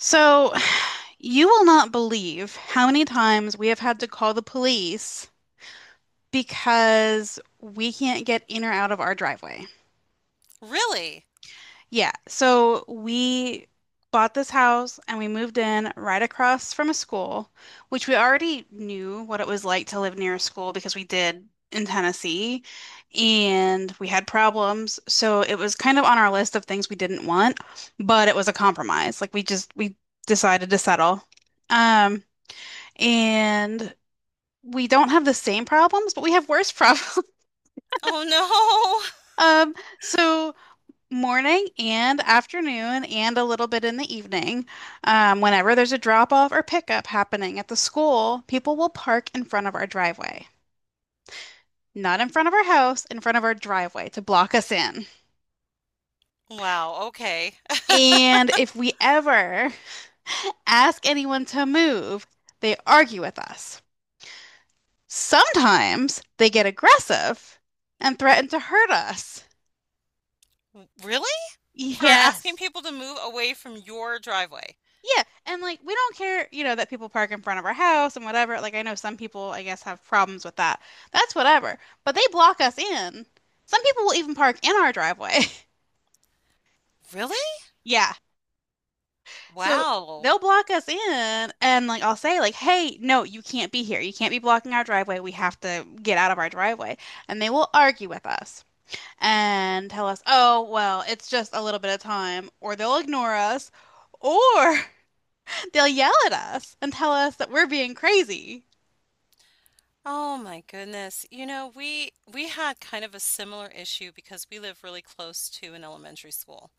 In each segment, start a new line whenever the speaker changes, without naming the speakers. So, you will not believe how many times we have had to call the police because we can't get in or out of our driveway.
Really?
Yeah, so we bought this house and we moved in right across from a school, which we already knew what it was like to live near a school because we did in Tennessee and we had problems. So it was kind of on our list of things we didn't want, but it was a compromise. Like we decided to settle. Um and we don't have the same problems, but we have worse problems.
Oh no.
So morning and afternoon and a little bit in the evening, whenever there's a drop off or pickup happening at the school, people will park in front of our driveway. Not in front of our house, in front of our driveway to block us in.
Wow, okay.
And if we ever ask anyone to move, they argue with us. Sometimes they get aggressive and threaten to hurt us.
Really? For asking
Yes.
people to move away from your driveway?
Yeah. And like we don't care, that people park in front of our house and whatever. Like I know some people, I guess, have problems with that. That's whatever. But they block us in. Some people will even park in our driveway.
Really?
Yeah. So
Wow.
they'll block us in and like I'll say like, "Hey, no, you can't be here. You can't be blocking our driveway. We have to get out of our driveway." And they will argue with us and tell us, "Oh, well, it's just a little bit of time," or they'll ignore us. Or they'll yell at us and tell us that we're being crazy.
Oh my goodness. We had kind of a similar issue because we live really close to an elementary school.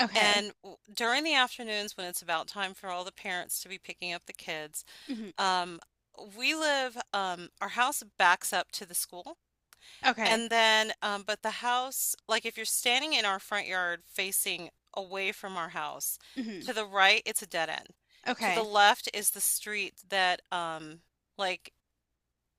Okay.
And during the afternoons when it's about time for all the parents to be picking up the kids,
Hmm.
um, we live our house backs up to the school.
Okay.
And then, but the house, like if you're standing in our front yard facing away from our house,
Hmm.
to the right, it's a dead end. To the
Okay.
left is the street that like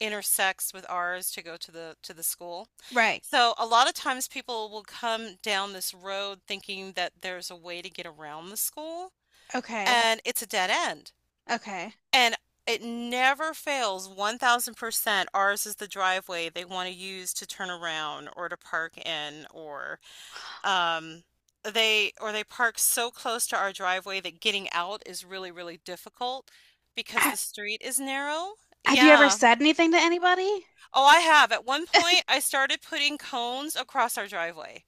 intersects with ours to go to the school.
Right.
So a lot of times people will come down this road thinking that there's a way to get around the school,
Okay.
and it's a dead end.
Okay.
And it never fails, 1,000% ours is the driveway they wanna use to turn around or to park in, um, or they park so close to our driveway that getting out is really, really difficult because the
Ha-
street is narrow.
have you ever
Yeah.
said anything to anybody?
Oh, I have. At one point, I started putting cones across our driveway,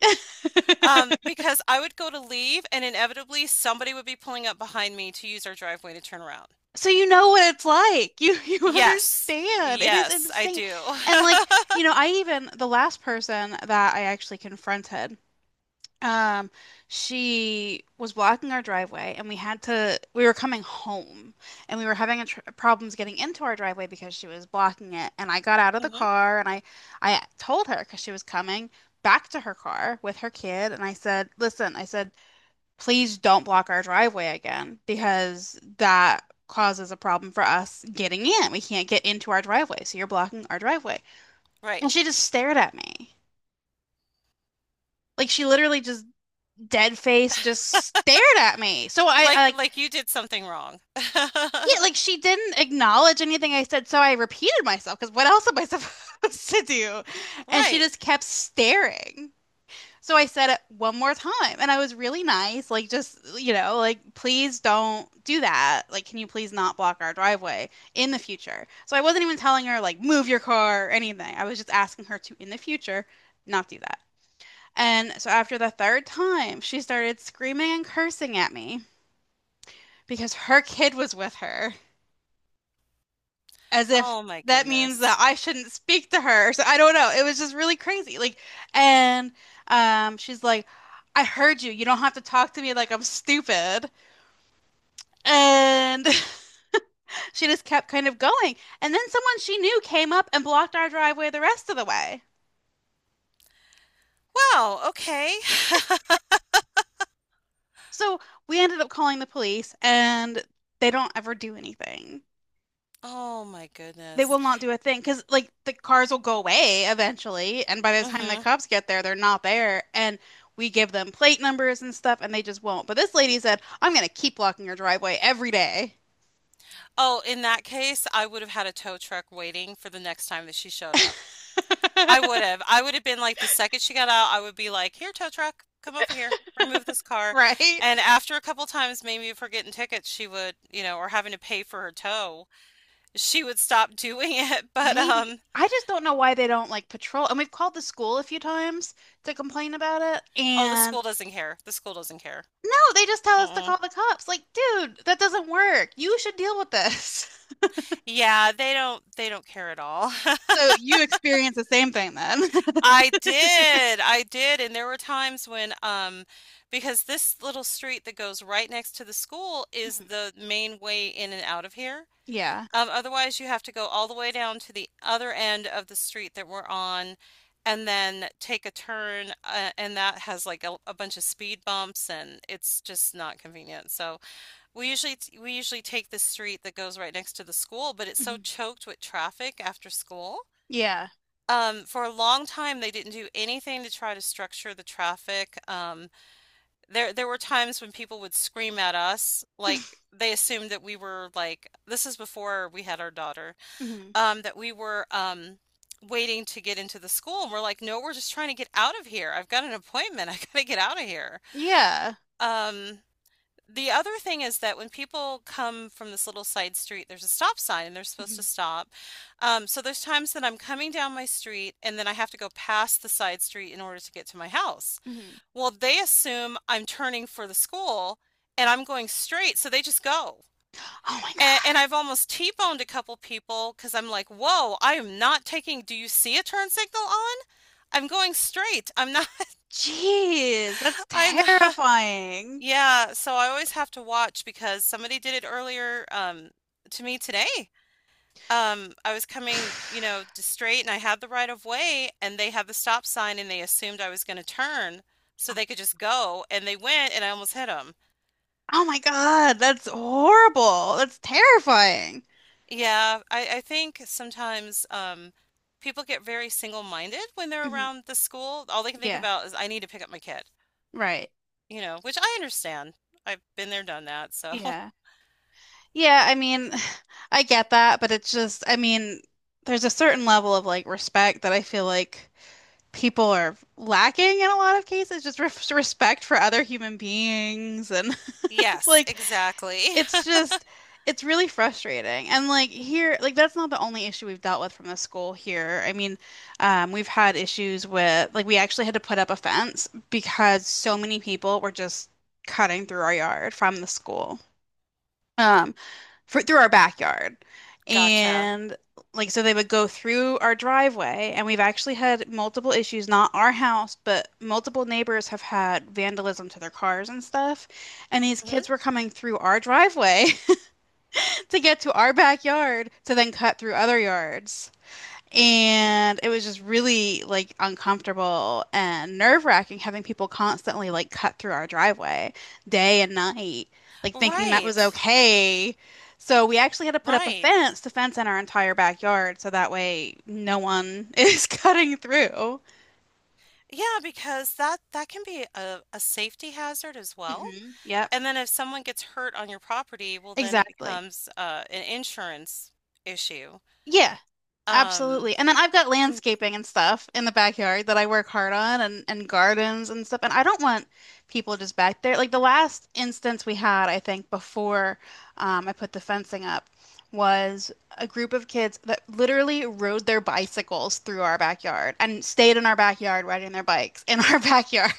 because I would go to leave and inevitably somebody would be pulling up behind me to use our driveway to turn around.
So you know what it's like. You you
Yes.
understand. It is
Yes, I
insane.
do.
And like, I even the last person that I actually confronted. Um, she was blocking our driveway, and we had to. We were coming home, and we were having a tr problems getting into our driveway because she was blocking it. And I got out of the
Mhm.
car, and I told her because she was coming back to her car with her kid, and I said, "Listen," I said, "please don't block our driveway again because that causes a problem for us getting in. We can't get into our driveway, so you're blocking our driveway."
Right.
And she just stared at me. Like she literally just dead face just stared at me. So I like
Like you did something wrong.
yeah, like she didn't acknowledge anything I said, so I repeated myself because what else am I supposed to do? And she
Right.
just kept staring. So I said it one more time and I was really nice, like just, like please don't do that. Like can you please not block our driveway in the future? So I wasn't even telling her like move your car or anything. I was just asking her to in the future not do that. And so after the third time, she started screaming and cursing at me, because her kid was with her, as if
Oh my
that means that
goodness.
I shouldn't speak to her. So I don't know. It was just really crazy. Like, and she's like, "I heard you. You don't have to talk to me like I'm stupid." And she just kept kind of going. And then someone she knew came up and blocked our driveway the rest of the way.
Wow, okay.
So we ended up calling the police, and they don't ever do anything.
Oh my
They
goodness.
will not do a thing because like the cars will go away eventually, and by the time the
Mhm.
cops get there, they're not there, and we give them plate numbers and stuff, and they just won't. But this lady said, "I'm gonna keep blocking your driveway every day."
Oh, in that case, I would have had a tow truck waiting for the next time that she showed up. I would have. I would have been like, the second she got out, I would be like, here, tow truck, come over here, remove this car.
Right?
And after a couple times, maybe if we're getting tickets, she would, or having to pay for her tow, she would stop doing it, but,
Maybe.
um
I just don't know why they don't like patrol. And we've called the school a few times to complain about it,
Oh, the
and
school doesn't care. The school doesn't care.
no, they just tell us to
Mm-mm.
call the cops. Like, dude, that doesn't work. You should deal with this.
Yeah, they don't care at all.
So you experience the same thing then.
I did. I did, and there were times when because this little street that goes right next to the school is the main way in and out of here.
Yeah.
Otherwise you have to go all the way down to the other end of the street that we're on and then take a turn and that has like a bunch of speed bumps and it's just not convenient. So we usually take the street that goes right next to the school, but it's so
Mhm.
choked with traffic after school.
Yeah.
For a long time, they didn't do anything to try to structure the traffic. There were times when people would scream at us, like they assumed that we were like, this is before we had our daughter,
Mhm.
that we were waiting to get into the school, and we're like, no, we're just trying to get out of here. I've got an appointment. I gotta get out of here.
Yeah.
Um, the other thing is that when people come from this little side street, there's a stop sign and they're supposed to
Mhm.
stop. So there's times that I'm coming down my street and then I have to go past the side street in order to get to my house.
Mhm.
Well, they assume I'm turning for the school and I'm going straight, so they just go.
Oh my
And,
God.
and I've almost T-boned a couple people because I'm like, whoa, I am not taking, do you see a turn signal on? I'm going straight. I'm not,
Jeez, that's
I'm not,
terrifying.
Yeah, so I always have to watch because somebody did it earlier, to me today. I was coming, you know, just straight and I had the right of way and they had the stop sign and they assumed I was gonna turn so they could just go and they went and I almost hit them.
Oh my God, that's horrible. That's terrifying.
Yeah, I think sometimes, people get very single-minded when they're
Mhm.
around the school. All they can think
Yeah,
about is, "I need to pick up my kid,"
right.
you know, which I understand. I've been there, done that, so
Yeah. Yeah, I mean, I get that, but it's just, I mean, there's a certain level of like respect that I feel like people are lacking in a lot of cases, just re respect for other human beings and
Yes,
like
exactly.
it's just it's really frustrating. And like here, like that's not the only issue we've dealt with from the school here. I mean, we've had issues with like we actually had to put up a fence because so many people were just cutting through our yard from the school, um, through our backyard.
Gotcha.
And like so they would go through our driveway and we've actually had multiple issues, not our house, but multiple neighbors have had vandalism to their cars and stuff. And these
Mhm.
kids were coming through our driveway to get to our backyard to then cut through other yards. And it was just really like uncomfortable and nerve-wracking having people constantly like cut through our driveway day and night, like thinking that was
Right,
okay. So we actually had to put up a
right.
fence to fence in our entire backyard so that way no one is cutting through.
Yeah, because that that can be a safety hazard as well.
Hmm. Yep.
And then if someone gets hurt on your property, well, then it
Exactly.
becomes an insurance issue.
Yeah.
Um,
Absolutely. And then I've got
mhm.
landscaping and stuff in the backyard that I work hard on and gardens and stuff. And I don't want people just back there. Like the last instance we had, I think, before I put the fencing up was a group of kids that literally rode their bicycles through our backyard and stayed in our backyard riding their bikes in our backyard.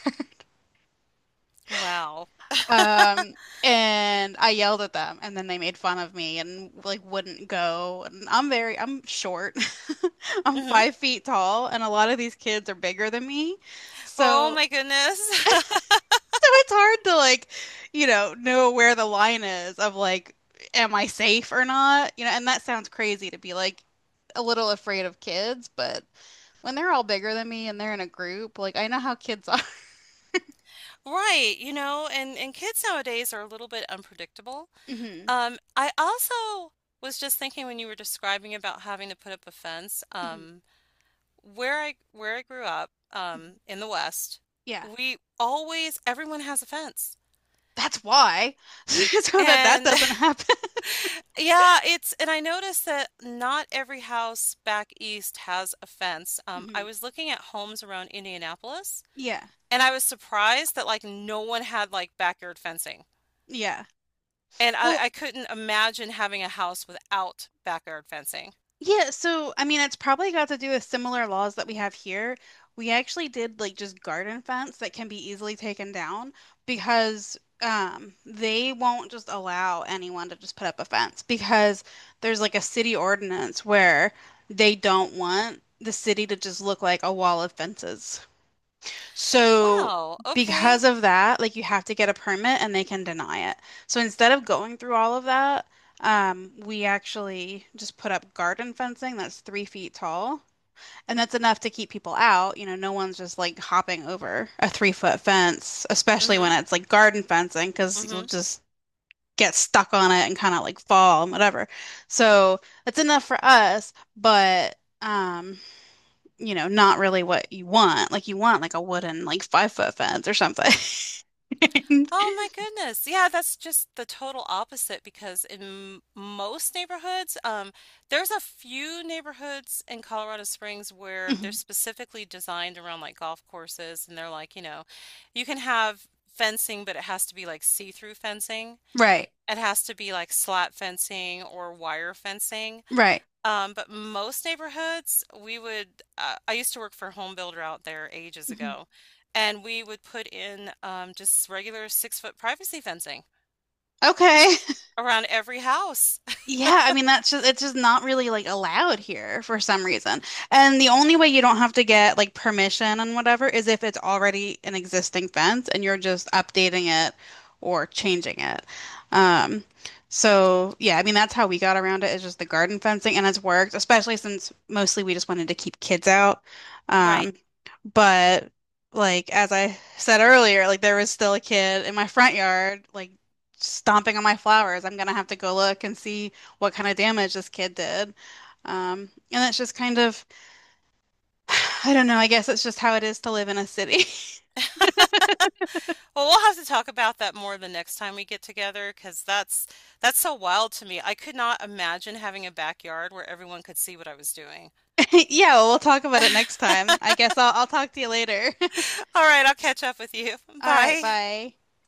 Wow.
Um, and I yelled at them, and then they made fun of me and like wouldn't go. And I'm short. I'm
Hmm.
5 feet tall, and a lot of these kids are bigger than me.
Oh
So,
my goodness.
so, it's hard to like, know where the line is of like, am I safe or not? You know, and that sounds crazy to be like a little afraid of kids, but when they're all bigger than me and they're in a group, like I know how kids are.
Right, you know, and kids nowadays are a little bit unpredictable.
Hmm.
I also was just thinking when you were describing about having to put up a fence,
Hmm.
where I grew up, in the West,
Yeah.
we always everyone has a fence.
That's why so that that
And
doesn't happen.
yeah, it's, and I noticed that not every house back east has a fence. I
Mhm.
was looking at homes around Indianapolis,
Yeah,
and I was surprised that like no one had like backyard fencing.
yeah,
And
well,
I couldn't imagine having a house without backyard fencing.
yeah, so I mean it's probably got to do with similar laws that we have here. We actually did like just garden fence that can be easily taken down because they won't just allow anyone to just put up a fence because there's like a city ordinance where they don't want the city to just look like a wall of fences. So
Wow, okay.
because of that, like you have to get a permit and they can deny it. So instead of going through all of that, we actually just put up garden fencing that's 3 feet tall, and that's enough to keep people out. You know, no one's just like hopping over a 3-foot fence, especially when
Mhm,
it's like garden fencing, because you'll
mhm.
just get stuck on it and kind of like fall and whatever. So that's enough for us, but um, not really what you want. Like you want like a wooden like 5-foot fence or something.
Oh my goodness. Yeah, that's just the total opposite because most neighborhoods, there's a few neighborhoods in Colorado Springs where they're specifically designed around like golf courses and they're like, you know, you can have fencing, but it has to be like see-through fencing.
Right.
It has to be like slat fencing or wire fencing.
Right.
But most neighborhoods, we would. I used to work for a home builder out there ages
Mhm.
ago, and we would put in just regular 6 foot privacy fencing
Okay.
around every house.
Yeah, I mean that's just it's just not really like allowed here for some reason. And the only way you don't have to get like permission and whatever is if it's already an existing fence and you're just updating it or changing it. Um so yeah, I mean that's how we got around it is just the garden fencing and it's worked, especially since mostly we just wanted to keep kids out.
Right.
Um but like as I said earlier, like there was still a kid in my front yard like stomping on my flowers. I'm gonna have to go look and see what kind of damage this kid did. Um, and that's just kind of, I don't know, I guess it's just how it is to live in a city.
Well, we'll have to talk about that more the next time we get together, because that's so wild to me. I could not imagine having a backyard where everyone could see what I was doing.
Yeah, well, we'll talk about it next time. I guess I'll talk to you later.
All right, I'll catch up with you.
All right,
Bye.
bye.